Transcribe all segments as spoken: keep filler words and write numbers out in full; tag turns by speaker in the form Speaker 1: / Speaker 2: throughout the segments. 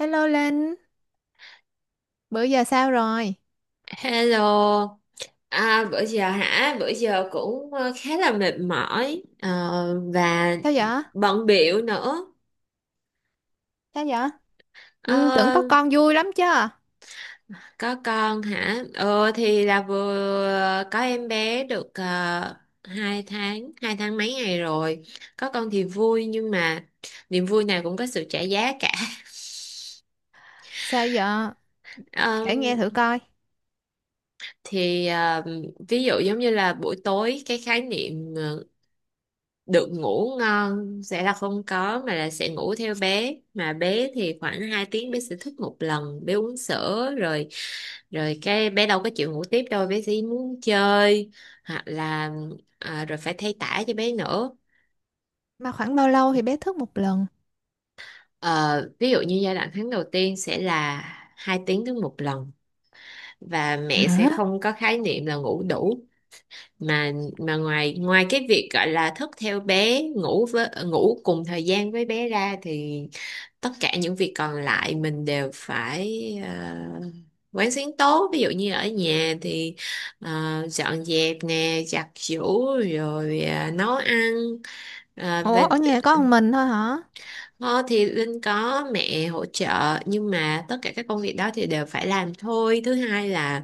Speaker 1: Hello Linh, bữa giờ sao rồi?
Speaker 2: Hello. À, bữa giờ hả? Bữa giờ cũng ờ, khá là mệt mỏi ờ, và
Speaker 1: Sao vậy?
Speaker 2: bận bịu nữa.
Speaker 1: Sao vậy? Ừ, tưởng
Speaker 2: Ờ,
Speaker 1: có con vui lắm chứ.
Speaker 2: có con hả? Ờ thì là vừa có em bé được uh, hai tháng, hai tháng mấy ngày rồi. Có con thì vui nhưng mà niềm vui nào cũng có sự trả giá cả.
Speaker 1: Sao vậy?
Speaker 2: Ờ,
Speaker 1: Kể nghe thử coi.
Speaker 2: thì ờ, ví dụ giống như là buổi tối cái khái niệm ờ, được ngủ ngon sẽ là không có mà là sẽ ngủ theo bé, mà bé thì khoảng hai tiếng bé sẽ thức một lần, bé uống sữa rồi rồi cái bé đâu có chịu ngủ tiếp đâu, bé chỉ muốn chơi, hoặc là à, rồi phải thay tã cho bé nữa.
Speaker 1: Mà khoảng bao lâu thì bé thức một lần?
Speaker 2: Ờ, ví dụ như giai đoạn tháng đầu tiên sẽ là hai tiếng đến một lần, và mẹ sẽ
Speaker 1: Hả?
Speaker 2: không có khái niệm là ngủ đủ, mà mà ngoài ngoài cái việc gọi là thức theo bé, ngủ với ngủ cùng thời gian với bé ra, thì tất cả những việc còn lại mình đều phải ờ, quán xuyến tốt. Ví dụ như ở nhà thì ờ, dọn dẹp nè, giặt giũ, rồi ờ, nấu ăn. Ờ,
Speaker 1: Ủa,
Speaker 2: và
Speaker 1: ở nhà có một mình thôi hả?
Speaker 2: ờ, thì Linh có mẹ hỗ trợ, nhưng mà tất cả các công việc đó thì đều phải làm thôi. Thứ hai là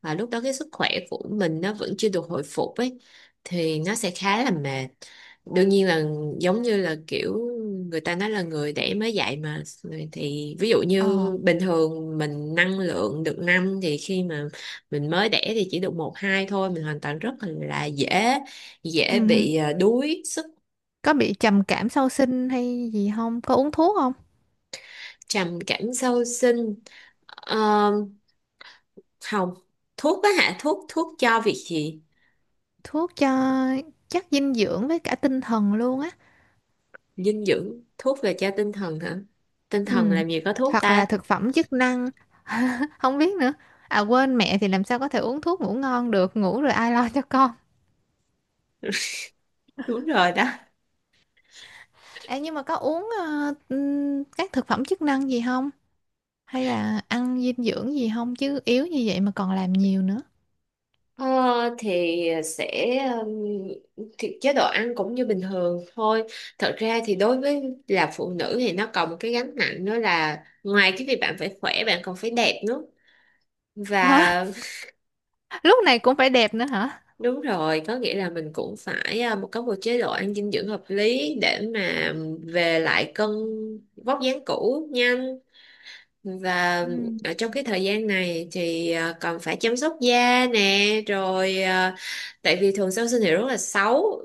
Speaker 2: à, lúc đó cái sức khỏe của mình nó vẫn chưa được hồi phục ấy, thì nó sẽ khá là mệt. Đương nhiên là giống như là kiểu người ta nói là người đẻ mới dạy mà, thì ví dụ như
Speaker 1: Ồ,
Speaker 2: bình thường mình năng lượng được năm, thì khi mà mình mới đẻ thì chỉ được một hai thôi, mình hoàn toàn rất là dễ dễ
Speaker 1: ừ.
Speaker 2: bị à, đuối sức.
Speaker 1: Có bị trầm cảm sau sinh hay gì không? Có uống thuốc không?
Speaker 2: Trầm cảm sau sinh? Ờ, không. Thuốc á hả? Thuốc thuốc cho việc gì?
Speaker 1: Thuốc cho chất dinh dưỡng với cả tinh thần luôn á.
Speaker 2: Dinh dưỡng, thuốc là cho tinh thần hả? Tinh
Speaker 1: Ừ.
Speaker 2: thần làm gì có thuốc
Speaker 1: Hoặc
Speaker 2: ta.
Speaker 1: là thực phẩm chức năng, không biết nữa. À quên mẹ thì làm sao có thể uống thuốc ngủ ngon được, ngủ rồi ai lo cho con.
Speaker 2: Đúng rồi đó.
Speaker 1: Ê, nhưng mà có uống ờ, ừm, các thực phẩm chức năng gì không? Hay là ăn dinh dưỡng gì không? Chứ yếu như vậy mà còn làm nhiều nữa.
Speaker 2: Ờ, thì sẽ um, thì chế độ ăn cũng như bình thường thôi. Thật ra thì đối với là phụ nữ thì nó còn một cái gánh nặng nữa, là ngoài cái việc bạn phải khỏe, bạn còn phải đẹp nữa.
Speaker 1: Hả?
Speaker 2: Và
Speaker 1: Lúc này cũng phải đẹp nữa hả?
Speaker 2: đúng rồi, có nghĩa là mình cũng phải à, một- có một chế độ ăn dinh dưỡng hợp lý để mà về lại cân vóc dáng cũ nhanh. Và
Speaker 1: Ừ.
Speaker 2: ở trong cái thời gian này thì à, còn phải chăm sóc da nè, rồi à, tại vì thường sau sinh thì rất là xấu,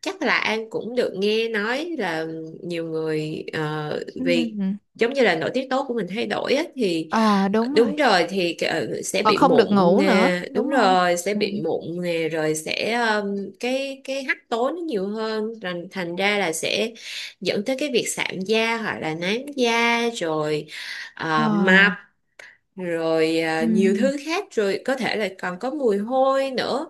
Speaker 2: chắc là An cũng được nghe nói là nhiều người ờ, vì
Speaker 1: Ừ.
Speaker 2: giống như là nội tiết tố của mình thay đổi á, thì
Speaker 1: Ờ
Speaker 2: ờ,
Speaker 1: đúng rồi.
Speaker 2: đúng rồi, thì ờ, sẽ
Speaker 1: Còn
Speaker 2: bị
Speaker 1: không được
Speaker 2: mụn
Speaker 1: ngủ nữa,
Speaker 2: nè, đúng
Speaker 1: đúng không?
Speaker 2: rồi, sẽ
Speaker 1: Ừ.
Speaker 2: bị mụn nè, rồi sẽ ờm, cái cái hắc tố nó nhiều hơn, thành thành ra là sẽ dẫn tới cái việc sạm da hoặc là nám da, rồi
Speaker 1: Ờ.
Speaker 2: à, mập, rồi à,
Speaker 1: Ừ.
Speaker 2: nhiều thứ khác, rồi có thể là còn có mùi hôi nữa.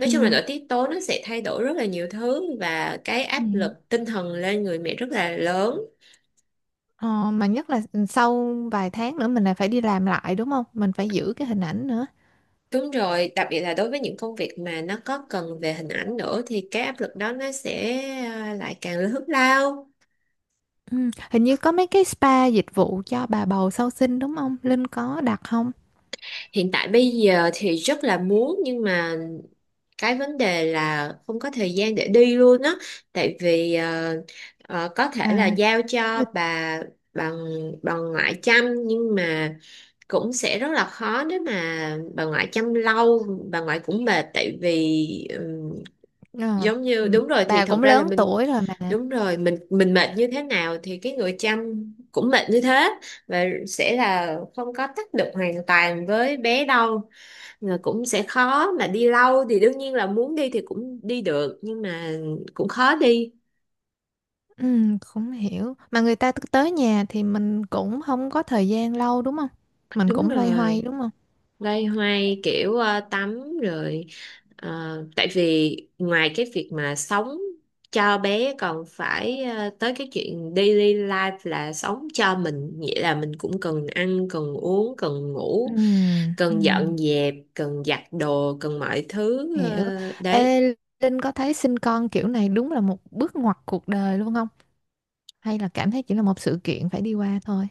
Speaker 2: Nói chung là nội tiết tố nó sẽ thay đổi rất là nhiều thứ, và cái
Speaker 1: Ừ.
Speaker 2: áp lực tinh thần lên người mẹ rất là lớn.
Speaker 1: Ờ, mà nhất là sau vài tháng nữa mình lại phải đi làm lại đúng không? Mình phải giữ cái hình ảnh nữa.
Speaker 2: Đúng rồi, đặc biệt là đối với những công việc mà nó có cần về hình ảnh nữa, thì cái áp lực đó nó sẽ à, lại càng lớn lao.
Speaker 1: Ừ. Hình như có mấy cái spa dịch vụ cho bà bầu sau sinh đúng không? Linh có đặt không?
Speaker 2: Hiện tại bây giờ thì rất là muốn, nhưng mà cái vấn đề là không có thời gian để đi luôn á. Tại vì ờ, ờ, có thể là
Speaker 1: À.
Speaker 2: giao cho
Speaker 1: Người
Speaker 2: bà bà bà ngoại chăm, nhưng mà cũng sẽ rất là khó. Nếu mà bà ngoại chăm lâu, bà ngoại cũng mệt, tại vì ừm,
Speaker 1: ờ,
Speaker 2: giống như
Speaker 1: ừ,
Speaker 2: đúng rồi, thì
Speaker 1: bà
Speaker 2: thật
Speaker 1: cũng
Speaker 2: ra là
Speaker 1: lớn
Speaker 2: mình,
Speaker 1: tuổi rồi mà.
Speaker 2: đúng rồi, mình mình mệt như thế nào thì cái người chăm cũng mệt như thế, và sẽ là không có tác động hoàn toàn với bé đâu. Rồi cũng sẽ khó mà đi lâu, thì đương nhiên là muốn đi thì cũng đi được, nhưng mà cũng khó đi.
Speaker 1: Ừ, cũng hiểu mà người ta t- tới nhà thì mình cũng không có thời gian lâu đúng không, mình
Speaker 2: Đúng
Speaker 1: cũng loay hoay
Speaker 2: rồi,
Speaker 1: đúng không.
Speaker 2: loay hoay kiểu ờ, tắm rồi ờ, tại vì ngoài cái việc mà sống cho bé, còn phải ờ, tới cái chuyện daily life là sống cho mình, nghĩa là mình cũng cần ăn, cần uống, cần
Speaker 1: Ừ,
Speaker 2: ngủ,
Speaker 1: ừ,
Speaker 2: cần dọn dẹp, cần giặt đồ, cần mọi thứ,
Speaker 1: hiểu.
Speaker 2: ờ, đấy.
Speaker 1: Ê, Linh có thấy sinh con kiểu này đúng là một bước ngoặt cuộc đời luôn không, hay là cảm thấy chỉ là một sự kiện phải đi qua thôi,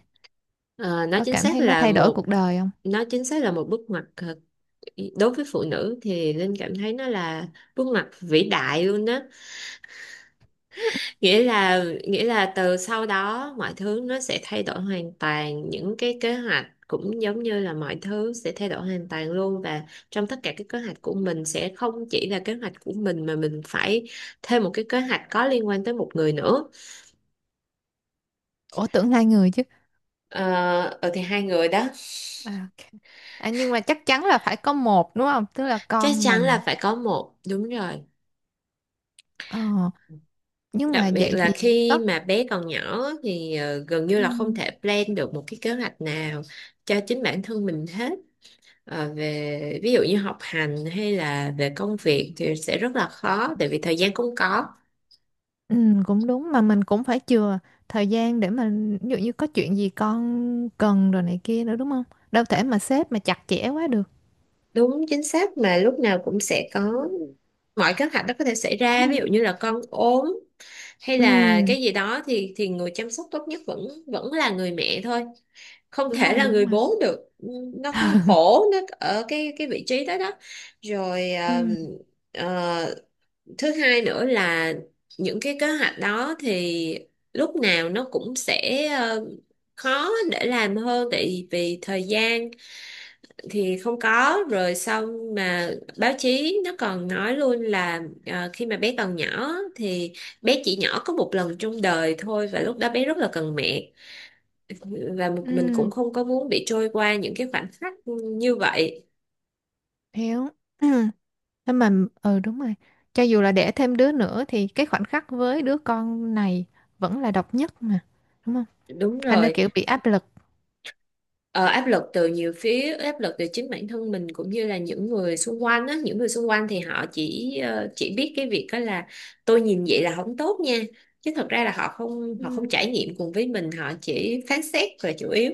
Speaker 2: Ờ, nó
Speaker 1: có
Speaker 2: chính
Speaker 1: cảm
Speaker 2: xác
Speaker 1: thấy nó
Speaker 2: là
Speaker 1: thay đổi
Speaker 2: một,
Speaker 1: cuộc đời không?
Speaker 2: nó chính xác là một bước ngoặt. Ờ, đối với phụ nữ thì Linh cảm thấy nó là bước ngoặt vĩ đại luôn đó. Nghĩa là nghĩa là từ sau đó mọi thứ nó sẽ thay đổi hoàn toàn, những cái kế hoạch cũng giống như là mọi thứ sẽ thay đổi hoàn toàn luôn, và trong tất cả các kế hoạch của mình sẽ không chỉ là kế hoạch của mình, mà mình phải thêm một cái kế hoạch có liên quan tới một người nữa.
Speaker 1: Ủa tưởng hai người chứ.
Speaker 2: ờ ờ, thì hai người đó.
Speaker 1: À, ok. À, nhưng mà chắc chắn là phải có một đúng không, tức là
Speaker 2: Chắc
Speaker 1: con
Speaker 2: chắn
Speaker 1: mình.
Speaker 2: là phải có một, đúng rồi.
Speaker 1: Ờ, nhưng
Speaker 2: Đặc
Speaker 1: mà
Speaker 2: biệt
Speaker 1: vậy
Speaker 2: là
Speaker 1: thì
Speaker 2: khi
Speaker 1: có
Speaker 2: mà bé còn nhỏ á, thì ờ, gần như
Speaker 1: ừ.
Speaker 2: là không thể plan được một cái kế hoạch nào cho chính bản thân mình hết. Ờ, về ví dụ như học hành hay là về công việc thì sẽ rất là khó, tại vì thời gian không có.
Speaker 1: Ừ, cũng đúng mà mình cũng phải chừa thời gian để mà ví dụ như có chuyện gì con cần rồi này kia nữa đúng không? Đâu thể mà xếp mà chặt chẽ quá được.
Speaker 2: Đúng chính xác, mà lúc nào cũng sẽ có, mọi kế hoạch đó có thể xảy ra, ví
Speaker 1: Ừ.
Speaker 2: dụ như là con ốm hay là
Speaker 1: Ừ,
Speaker 2: cái gì đó, thì thì người chăm sóc tốt nhất vẫn vẫn là người mẹ thôi, không
Speaker 1: đúng
Speaker 2: thể
Speaker 1: rồi,
Speaker 2: là
Speaker 1: đúng
Speaker 2: người
Speaker 1: rồi.
Speaker 2: bố được. Ừ, nó nó khổ nó ở cái cái vị trí đó đó. Rồi
Speaker 1: Ừ,
Speaker 2: ờ, ờ, thứ hai nữa là những cái kế hoạch đó thì lúc nào nó cũng sẽ ờ, khó để làm hơn, tại vì thời gian thì không có. Rồi xong mà báo chí nó còn nói luôn là ờ, khi mà bé còn nhỏ thì bé chỉ nhỏ có một lần trong đời thôi, và lúc đó bé rất là cần mẹ, và một- mình
Speaker 1: ừ,
Speaker 2: cũng không có muốn bị trôi qua những cái khoảnh khắc như vậy.
Speaker 1: hiểu. Ừ. Thế mà ừ đúng rồi. Cho dù là đẻ thêm đứa nữa thì cái khoảnh khắc với đứa con này vẫn là độc nhất mà, đúng không?
Speaker 2: Đúng
Speaker 1: Thành ra
Speaker 2: rồi,
Speaker 1: kiểu bị áp lực.
Speaker 2: ờ, áp lực từ nhiều phía, áp lực từ chính bản thân mình cũng như là những người xung quanh á. Những người xung quanh thì họ chỉ ờ, chỉ biết cái việc đó là tôi nhìn vậy là không tốt nha, chứ thật ra là họ không họ không
Speaker 1: Ừ.
Speaker 2: trải nghiệm cùng với mình, họ chỉ phán xét là chủ yếu.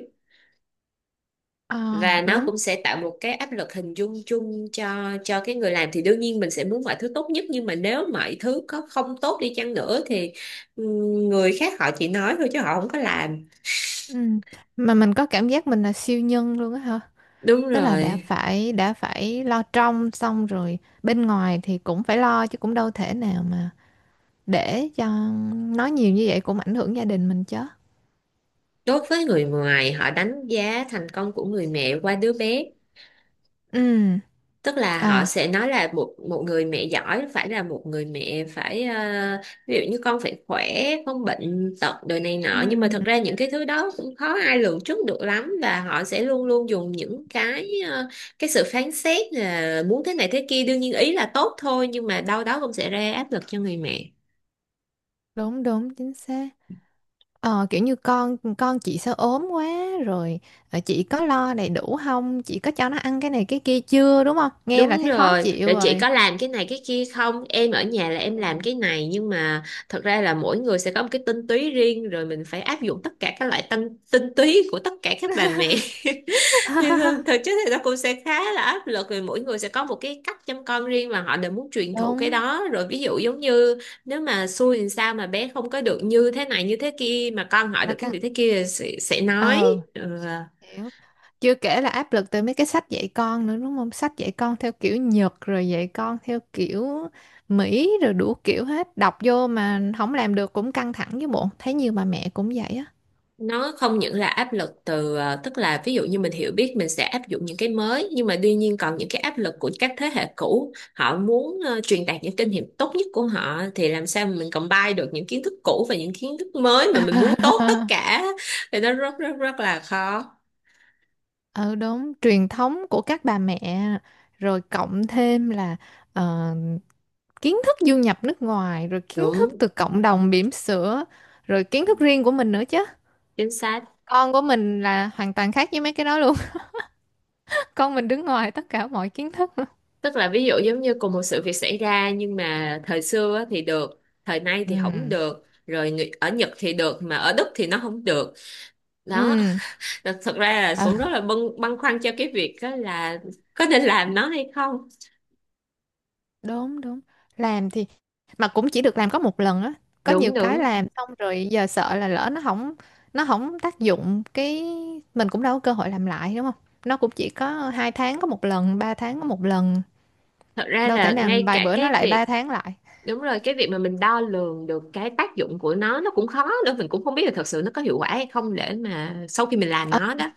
Speaker 1: Ờ,
Speaker 2: Và nó
Speaker 1: đúng.
Speaker 2: cũng sẽ tạo một cái áp lực hình dung chung cho cho cái người làm, thì đương nhiên mình sẽ muốn mọi thứ tốt nhất, nhưng mà nếu mọi thứ có không tốt đi chăng nữa thì ừ, người khác họ chỉ nói thôi chứ họ không có làm.
Speaker 1: Ừ. Mà mình có cảm giác mình là siêu nhân luôn á hả?
Speaker 2: Đúng
Speaker 1: Tức là đã
Speaker 2: rồi,
Speaker 1: phải đã phải lo trong xong rồi bên ngoài thì cũng phải lo chứ cũng đâu thể nào mà để cho nói nhiều như vậy cũng ảnh hưởng gia đình mình chứ.
Speaker 2: đối với người ngoài họ đánh giá thành công của người mẹ qua đứa bé,
Speaker 1: Ừ.
Speaker 2: tức là họ
Speaker 1: À.
Speaker 2: sẽ nói là một một người mẹ giỏi phải là một người mẹ phải ờ, ví dụ như con phải khỏe, không bệnh tật đời này
Speaker 1: Ừ.
Speaker 2: nọ, nhưng mà thật ra những cái thứ đó cũng khó ai lường trước được lắm. Và họ sẽ luôn luôn dùng những cái ờ, cái sự phán xét là muốn thế này thế kia, đương nhiên ý là tốt thôi, nhưng mà đâu đó cũng sẽ ra áp lực cho người mẹ.
Speaker 1: Đúng đúng chính xác. Ờ, kiểu như con con chị sao ốm quá rồi. Ờ, chị có lo đầy đủ không, chị có cho nó ăn cái này cái kia chưa đúng không, nghe là
Speaker 2: Đúng
Speaker 1: thấy khó
Speaker 2: rồi,
Speaker 1: chịu
Speaker 2: rồi chị
Speaker 1: rồi.
Speaker 2: có làm cái này cái kia không? Em ở nhà là em làm cái này, nhưng mà thật ra là mỗi người sẽ có một cái tinh túy riêng, rồi mình phải áp dụng tất cả các loại tinh, tinh túy của tất cả các bà mẹ. Thì thực chất thì nó cũng sẽ khá là áp lực, vì mỗi người sẽ có một cái cách chăm con riêng mà họ đều muốn truyền thụ cái
Speaker 1: Đúng
Speaker 2: đó. Rồi ví dụ giống như nếu mà xui thì sao mà bé không có được như thế này như thế kia, mà con hỏi
Speaker 1: là
Speaker 2: được cái
Speaker 1: căng.
Speaker 2: này thế kia thì sẽ, sẽ nói.
Speaker 1: Ờ.
Speaker 2: Ừ.
Speaker 1: Hiểu. Chưa kể là áp lực từ mấy cái sách dạy con nữa đúng không? Sách dạy con theo kiểu Nhật rồi dạy con theo kiểu Mỹ rồi đủ kiểu hết. Đọc vô mà không làm được cũng căng thẳng với bộ. Thấy nhiều bà mẹ cũng vậy á.
Speaker 2: Nó không những là áp lực từ ờ, tức là ví dụ như mình hiểu biết mình sẽ áp dụng những cái mới, nhưng mà tuy nhiên còn những cái áp lực của các thế hệ cũ, họ muốn ờ, truyền đạt những kinh nghiệm tốt nhất của họ, thì làm sao mà mình combine được những kiến thức cũ và những kiến thức mới mà mình muốn tốt tất cả, thì nó rất rất rất là khó.
Speaker 1: Ừ đúng, truyền thống của các bà mẹ rồi cộng thêm là ờ, kiến thức du nhập nước ngoài rồi kiến thức
Speaker 2: Đúng
Speaker 1: từ cộng đồng bỉm sữa rồi kiến thức riêng của mình nữa chứ.
Speaker 2: chính xác,
Speaker 1: Con của mình là hoàn toàn khác với mấy cái đó luôn. Con mình đứng ngoài tất cả mọi kiến thức.
Speaker 2: tức là ví dụ giống như cùng một sự việc xảy ra, nhưng mà thời xưa á thì được, thời nay
Speaker 1: Ừ.
Speaker 2: thì không được, rồi người- ở Nhật thì được mà ở Đức thì nó không được, đó.
Speaker 1: Ừ,
Speaker 2: Thật, thật ra là
Speaker 1: ờ,
Speaker 2: Xuân rất là băn, băn khoăn cho cái việc đó là có nên làm nó hay không.
Speaker 1: đúng đúng. Làm thì mà cũng chỉ được làm có một lần á. Có nhiều
Speaker 2: Đúng
Speaker 1: cái
Speaker 2: đúng.
Speaker 1: làm xong rồi giờ sợ là lỡ nó không, nó không tác dụng cái mình cũng đâu có cơ hội làm lại đúng không? Nó cũng chỉ có hai tháng có một lần, ba tháng có một lần.
Speaker 2: Thật ra
Speaker 1: Đâu
Speaker 2: là
Speaker 1: thể nào
Speaker 2: ngay
Speaker 1: vài
Speaker 2: cả
Speaker 1: bữa nó
Speaker 2: cái
Speaker 1: lại ba
Speaker 2: việc,
Speaker 1: tháng lại.
Speaker 2: đúng rồi, cái việc mà mình đo lường được cái tác dụng của nó nó cũng khó nữa, mình cũng không biết là thật sự nó có hiệu quả hay không, để mà sau khi mình làm
Speaker 1: Ờ
Speaker 2: nó đó.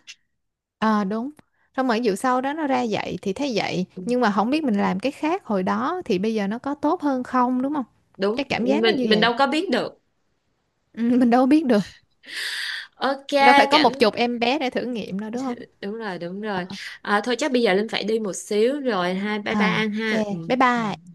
Speaker 1: ờ, đúng. Xong rồi vụ sau đó nó ra vậy thì thấy vậy, nhưng mà không biết mình làm cái khác hồi đó thì bây giờ nó có tốt hơn không đúng không? Cái
Speaker 2: Đúng,
Speaker 1: cảm giác nó
Speaker 2: mình
Speaker 1: như
Speaker 2: mình
Speaker 1: vậy.
Speaker 2: đâu có biết được.
Speaker 1: Ừ, mình đâu biết được.
Speaker 2: Ok.
Speaker 1: Đâu phải có
Speaker 2: cảm
Speaker 1: một chục em bé để thử nghiệm đâu đúng không?
Speaker 2: Đúng rồi, đúng rồi. À, thôi chắc bây giờ Linh phải đi một xíu rồi ha, bye bye
Speaker 1: À,
Speaker 2: An ha. Ừ.
Speaker 1: ok. Bye
Speaker 2: Ừ.
Speaker 1: bye.